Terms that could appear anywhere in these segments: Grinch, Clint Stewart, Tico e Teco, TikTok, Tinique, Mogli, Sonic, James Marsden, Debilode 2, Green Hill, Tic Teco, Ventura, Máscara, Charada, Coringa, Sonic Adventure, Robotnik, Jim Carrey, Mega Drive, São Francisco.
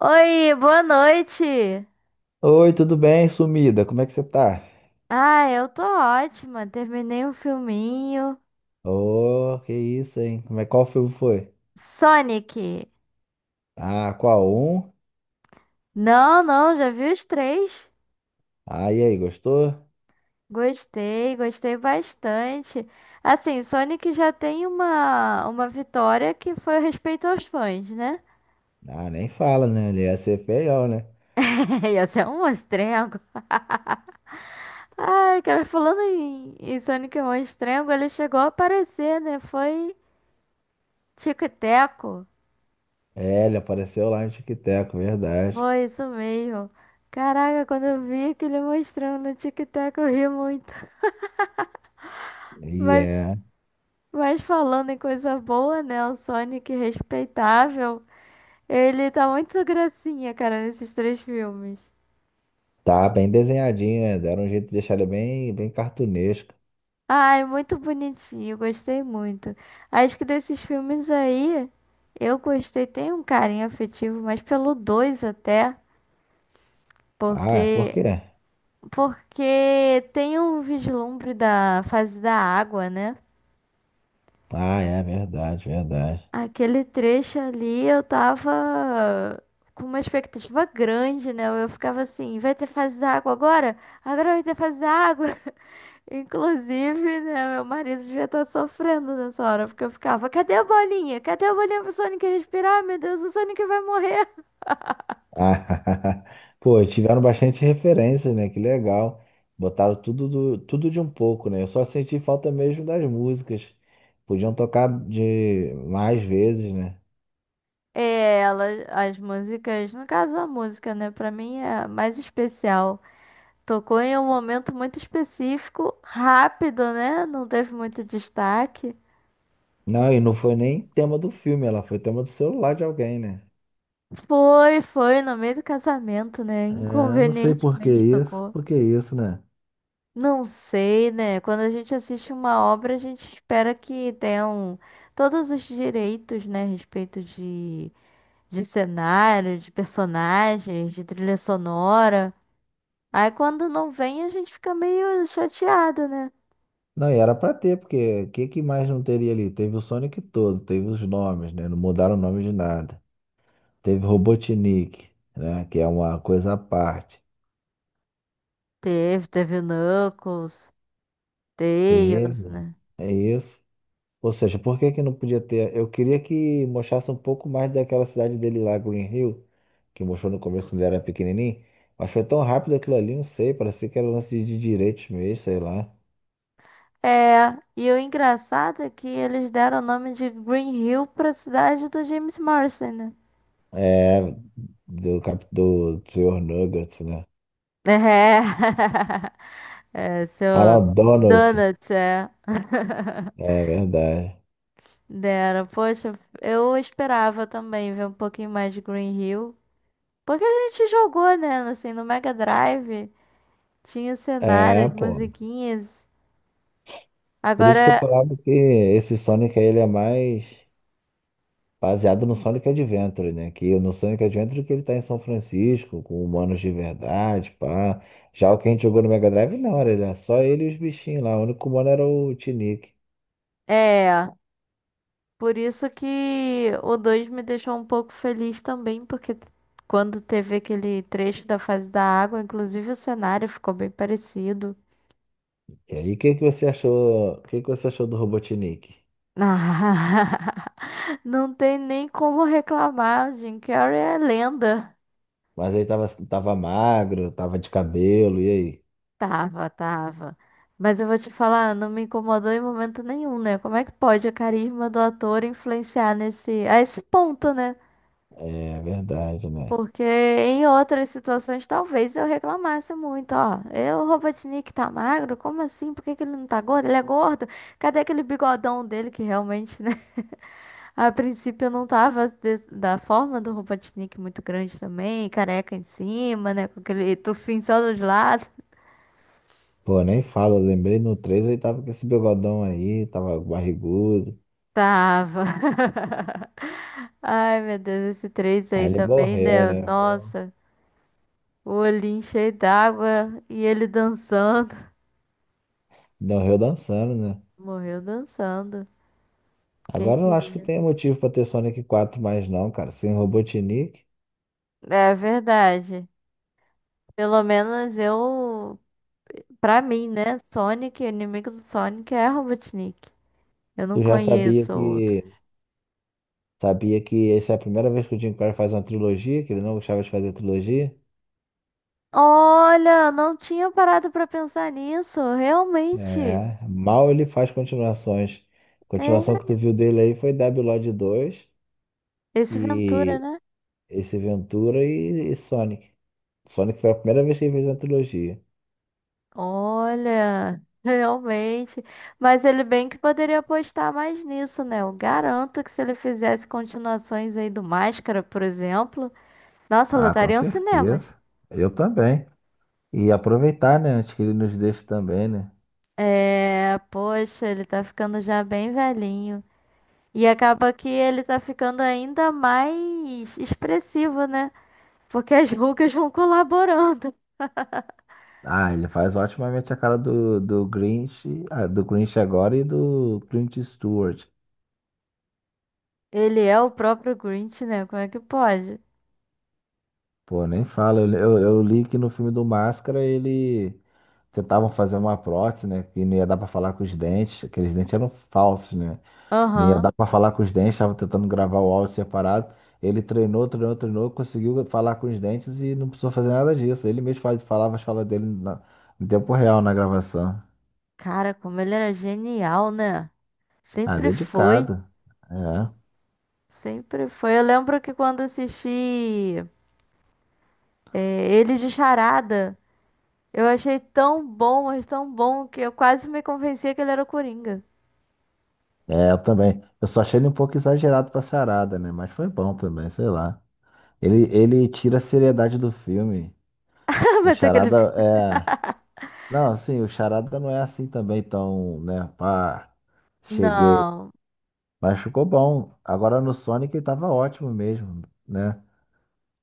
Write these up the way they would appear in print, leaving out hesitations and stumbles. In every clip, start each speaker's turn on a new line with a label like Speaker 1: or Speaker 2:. Speaker 1: Oi, boa noite.
Speaker 2: Oi, tudo bem, sumida? Como é que você tá?
Speaker 1: Ah, eu tô ótima. Terminei um filminho.
Speaker 2: Ô, que isso, hein? Como é, qual filme foi?
Speaker 1: Sonic.
Speaker 2: Ah, qual um?
Speaker 1: Não, não, já vi os três.
Speaker 2: Ah, e aí, gostou?
Speaker 1: Gostei, gostei bastante. Assim, Sonic já tem uma vitória que foi o respeito aos fãs, né?
Speaker 2: Ah, nem fala, né? Ele ia ser feião, né?
Speaker 1: Ia ser um monstrengo. Ai, cara, falando em Sonic Monstrengo, ele chegou a aparecer, né? Foi Tico e Teco.
Speaker 2: É, ele apareceu lá no Tic Teco, verdade.
Speaker 1: Foi isso mesmo. Caraca, quando eu vi aquele mostrando no TikTok, eu ri muito.
Speaker 2: E
Speaker 1: Mas,
Speaker 2: é,
Speaker 1: mas falando em coisa boa, né? O Sonic respeitável, ele tá muito gracinha, cara, nesses três filmes.
Speaker 2: tá bem desenhadinho, né? Deram um jeito de deixar ele bem cartunesco.
Speaker 1: Ai, muito bonitinho, gostei muito. Acho que desses filmes aí, eu gostei, tem um carinho afetivo, mas pelo dois até,
Speaker 2: Ah, por
Speaker 1: porque
Speaker 2: quê?
Speaker 1: porque tem um vislumbre da fase da água, né?
Speaker 2: Ah, é verdade, verdade.
Speaker 1: Aquele trecho ali eu tava com uma expectativa grande, né? Eu ficava assim, vai ter fase da água agora? Agora vai ter fase da água. Inclusive, né, meu marido devia estar sofrendo nessa hora, porque eu ficava, cadê a bolinha? Cadê a bolinha pro Sonic respirar? Meu Deus, o Sonic vai morrer.
Speaker 2: Ah, pô, tiveram bastante referências, né? Que legal. Botaram tudo, tudo de um pouco, né? Eu só senti falta mesmo das músicas. Podiam tocar de mais vezes, né?
Speaker 1: É, ela, as músicas, no caso a música, né, pra mim é a mais especial. Tocou em um momento muito específico, rápido, né? Não teve muito destaque.
Speaker 2: Não, e não foi nem tema do filme, ela foi tema do celular de alguém, né?
Speaker 1: Foi, foi, no meio do casamento, né?
Speaker 2: É, não sei
Speaker 1: Inconvenientemente tocou.
Speaker 2: por que isso, né?
Speaker 1: Não sei, né? Quando a gente assiste uma obra, a gente espera que tenham todos os direitos, né? A respeito de cenário, de personagens, de trilha sonora. Aí quando não vem, a gente fica meio chateado, né?
Speaker 2: Não, e era pra ter, porque que mais não teria ali? Teve o Sonic todo, teve os nomes, né? Não mudaram o nome de nada. Teve Robotnik, né? Que é uma coisa à parte.
Speaker 1: Teve, teve o Knuckles, Tails,
Speaker 2: Teve.
Speaker 1: né?
Speaker 2: É isso. Ou seja, por que que não podia ter? Eu queria que mostrasse um pouco mais daquela cidade dele lá, Green Hill, que mostrou no começo quando ele era pequenininho. Mas foi tão rápido aquilo ali, não sei. Parecia que era lance de direitos mesmo, sei lá.
Speaker 1: É, e o engraçado é que eles deram o nome de Green Hill pra cidade do James Marsden, né?
Speaker 2: É, do Sr. Nuggets, né?
Speaker 1: É, é seu
Speaker 2: Ah, não, Donald.
Speaker 1: donuts, é.
Speaker 2: É verdade.
Speaker 1: Dera, poxa, eu esperava também ver um pouquinho mais de Green Hill. Porque a gente jogou, né? Assim, no Mega Drive tinha
Speaker 2: É,
Speaker 1: cenários,
Speaker 2: pô.
Speaker 1: musiquinhas.
Speaker 2: Por isso
Speaker 1: Agora,
Speaker 2: que eu falava que esse Sonic aí, ele é mais baseado no Sonic Adventure, né? Que no Sonic Adventure que ele tá em São Francisco, com humanos de verdade, pá. Já o que a gente jogou no Mega Drive, não, era só ele e os bichinhos lá. O único humano era o Tinique.
Speaker 1: é. Por isso que o 2 me deixou um pouco feliz também, porque quando teve aquele trecho da fase da água, inclusive o cenário ficou bem parecido.
Speaker 2: E aí, o que que você achou? O que que você achou do Robotnik?
Speaker 1: Não tem nem como reclamar, Jim Carrey é lenda.
Speaker 2: Mas aí tava magro, tava de cabelo, e aí?
Speaker 1: Tava, tava. Mas eu vou te falar, não me incomodou em momento nenhum, né? Como é que pode o carisma do ator influenciar nesse, a esse ponto, né?
Speaker 2: É verdade, né?
Speaker 1: Porque em outras situações talvez eu reclamasse muito, ó. Eu, o Robotnik tá magro? Como assim? Por que que ele não tá gordo? Ele é gordo? Cadê aquele bigodão dele que realmente, né? A princípio eu não tava da forma do Robotnik muito grande também, careca em cima, né? Com aquele tufinho só dos lados.
Speaker 2: Pô, nem falo, eu lembrei no 3 ele tava com esse bigodão aí, tava barrigudo.
Speaker 1: Tava. Ai, meu Deus, esse 3
Speaker 2: Aí
Speaker 1: aí
Speaker 2: ele
Speaker 1: também,
Speaker 2: morreu,
Speaker 1: né?
Speaker 2: né? Pô,
Speaker 1: Nossa, o olhinho cheio d'água e ele dançando.
Speaker 2: morreu dançando, né?
Speaker 1: Morreu dançando, quem
Speaker 2: Agora eu não acho que
Speaker 1: diria?
Speaker 2: tenha motivo pra ter Sonic 4 mais não, cara. Sem Robotnik,
Speaker 1: É verdade. Pelo menos eu, pra mim, né? Sonic, inimigo do Sonic é Robotnik. Eu não
Speaker 2: tu já
Speaker 1: conheço
Speaker 2: sabia que essa é a primeira vez que o Jim Carrey faz uma trilogia, que ele não gostava de fazer trilogia.
Speaker 1: Olha, não tinha parado pra pensar nisso, realmente.
Speaker 2: É, mal ele faz continuações. A continuação que
Speaker 1: É,
Speaker 2: tu viu dele aí foi Debilode 2
Speaker 1: esse Ventura,
Speaker 2: e
Speaker 1: né?
Speaker 2: esse Ventura e Sonic. Sonic foi a primeira vez que ele fez uma trilogia.
Speaker 1: Olha, realmente. Mas ele bem que poderia apostar mais nisso, né? Eu garanto que se ele fizesse continuações aí do Máscara, por exemplo, nossa,
Speaker 2: Ah, com
Speaker 1: lotariam cinemas.
Speaker 2: certeza. Eu também. E aproveitar, né? Antes que ele nos deixe também, né?
Speaker 1: É, poxa, ele tá ficando já bem velhinho. E acaba que ele tá ficando ainda mais expressivo, né? Porque as rugas vão colaborando.
Speaker 2: Ah, ele faz otimamente a cara do Grinch, ah, do Grinch agora e do Clint Stewart.
Speaker 1: Ele é o próprio Grinch, né? Como é que pode?
Speaker 2: Pô, nem fala. Eu li que no filme do Máscara ele tentavam fazer uma prótese, né? Que não ia dar pra falar com os dentes. Aqueles dentes eram falsos, né? Não ia
Speaker 1: Aham.
Speaker 2: dar pra falar com os dentes, tava tentando gravar o áudio separado. Ele treinou, treinou, treinou, conseguiu falar com os dentes e não precisou fazer nada disso. Falava as falas dele no tempo real na gravação.
Speaker 1: Cara, como ele era genial, né?
Speaker 2: Ah,
Speaker 1: Sempre foi.
Speaker 2: dedicado. É.
Speaker 1: Sempre foi. Eu lembro que quando assisti é, ele de Charada, eu achei tão bom, mas tão bom, que eu quase me convencia que ele era o Coringa.
Speaker 2: É, eu também. Eu só achei ele um pouco exagerado pra charada, né? Mas foi bom também, sei lá. Ele tira a seriedade do filme. O
Speaker 1: Mas aquele.
Speaker 2: charada é. Não, assim, o charada não é assim também tão, né? Pá, cheguei.
Speaker 1: Não.
Speaker 2: Mas ficou bom. Agora no Sonic ele tava ótimo mesmo, né?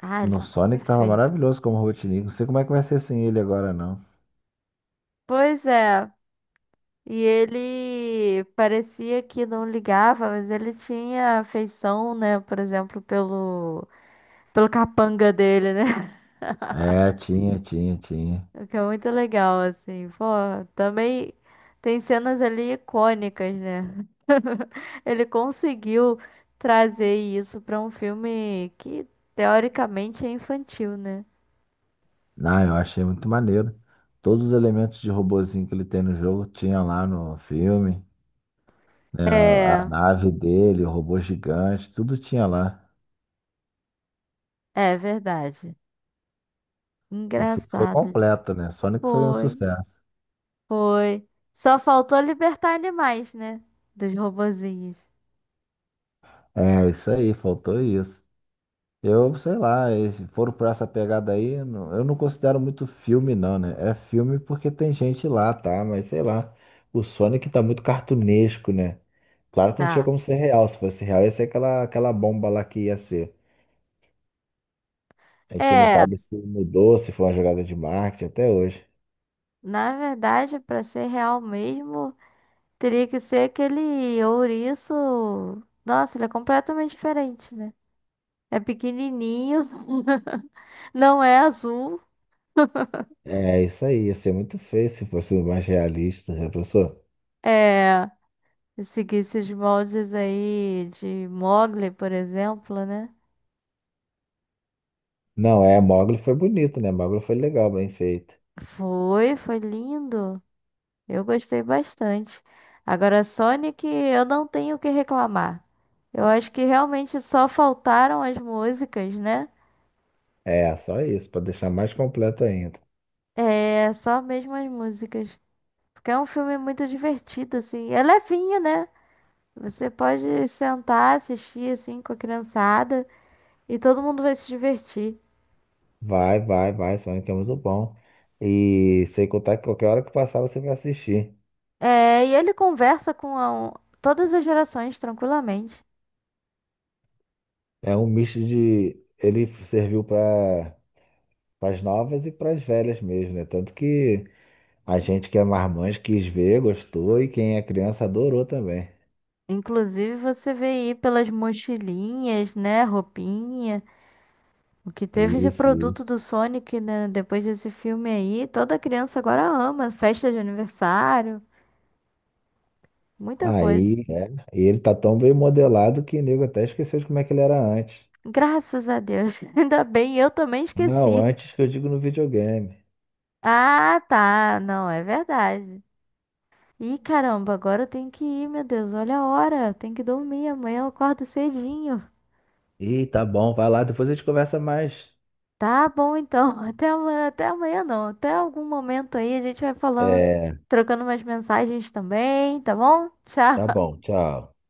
Speaker 1: Ah, ele
Speaker 2: No
Speaker 1: tava
Speaker 2: Sonic tava
Speaker 1: perfeito.
Speaker 2: maravilhoso como Robotnik. Não sei como é que vai ser sem ele agora, não.
Speaker 1: Pois é. E ele parecia que não ligava, mas ele tinha afeição, né? Por exemplo, pelo capanga dele, né?
Speaker 2: É, tinha, tinha, tinha.
Speaker 1: O que é muito legal, assim. Pô, também tem cenas ali icônicas, né? Ele conseguiu trazer isso pra um filme que teoricamente é infantil, né?
Speaker 2: Não, eu achei muito maneiro. Todos os elementos de robozinho que ele tem no jogo tinha lá no filme, né? A,
Speaker 1: É,
Speaker 2: a nave dele, o robô gigante, tudo tinha lá.
Speaker 1: é verdade.
Speaker 2: O filme foi
Speaker 1: Engraçado.
Speaker 2: completo, né? Sonic foi um
Speaker 1: Foi,
Speaker 2: sucesso.
Speaker 1: foi. Só faltou libertar animais, né? Dos robozinhos.
Speaker 2: É, isso aí, faltou isso. Eu, sei lá, eles foram pra essa pegada aí, não, eu não considero muito filme, não, né? É filme porque tem gente lá, tá? Mas sei lá, o Sonic tá muito cartunesco, né? Claro que não tinha
Speaker 1: Tá.
Speaker 2: como ser real. Se fosse real, ia ser aquela bomba lá que ia ser. A gente não
Speaker 1: É,
Speaker 2: sabe se mudou, se foi uma jogada de marketing até hoje.
Speaker 1: na verdade, pra ser real mesmo. Teria que ser aquele ouriço. Nossa, ele é completamente diferente, né? É pequenininho. Não é azul.
Speaker 2: É isso aí, ia ser muito feio se fosse mais realista, já pensou?
Speaker 1: É. Se seguisse os moldes aí de Mogli, por exemplo, né?
Speaker 2: Não, é, Mogli foi bonito, né? Mogli foi legal, bem feito.
Speaker 1: Foi, foi lindo. Eu gostei bastante. Agora, Sonic, eu não tenho o que reclamar. Eu acho que realmente só faltaram as músicas, né?
Speaker 2: É, só isso, para deixar mais completo ainda.
Speaker 1: É, só mesmo as músicas. Porque é um filme muito divertido, assim. É levinho, né? Você pode sentar, assistir, assim, com a criançada e todo mundo vai se divertir.
Speaker 2: Sonic é muito bom. E sem contar que qualquer hora que passar você vai assistir.
Speaker 1: É, e ele conversa com a- um, todas as gerações tranquilamente.
Speaker 2: É um misto de. Ele serviu para as novas e para as velhas mesmo, né? Tanto que a gente que é marmanjo quis ver, gostou, e quem é criança adorou também.
Speaker 1: Inclusive, você vê aí pelas mochilinhas, né? Roupinha. O que teve de
Speaker 2: Isso.
Speaker 1: produto do Sonic, né? Depois desse filme aí, toda criança agora ama. Festa de aniversário, muita coisa.
Speaker 2: Aí, é, e ele tá tão bem modelado que o nego até esqueceu de como é que ele era antes.
Speaker 1: Graças a Deus. Ainda bem, eu também
Speaker 2: Não,
Speaker 1: esqueci.
Speaker 2: antes que eu digo no videogame.
Speaker 1: Ah, tá. Não, é verdade. Ih, caramba, agora eu tenho que ir, meu Deus. Olha a hora. Eu tenho que dormir. Amanhã eu acordo cedinho.
Speaker 2: Ih, tá bom, vai lá, depois a gente conversa mais.
Speaker 1: Tá bom, então. Até amanhã. Até amanhã, não. Até algum momento aí a gente vai falando,
Speaker 2: É,
Speaker 1: trocando umas mensagens também, tá bom?
Speaker 2: tá
Speaker 1: Tchau.
Speaker 2: bom, tchau.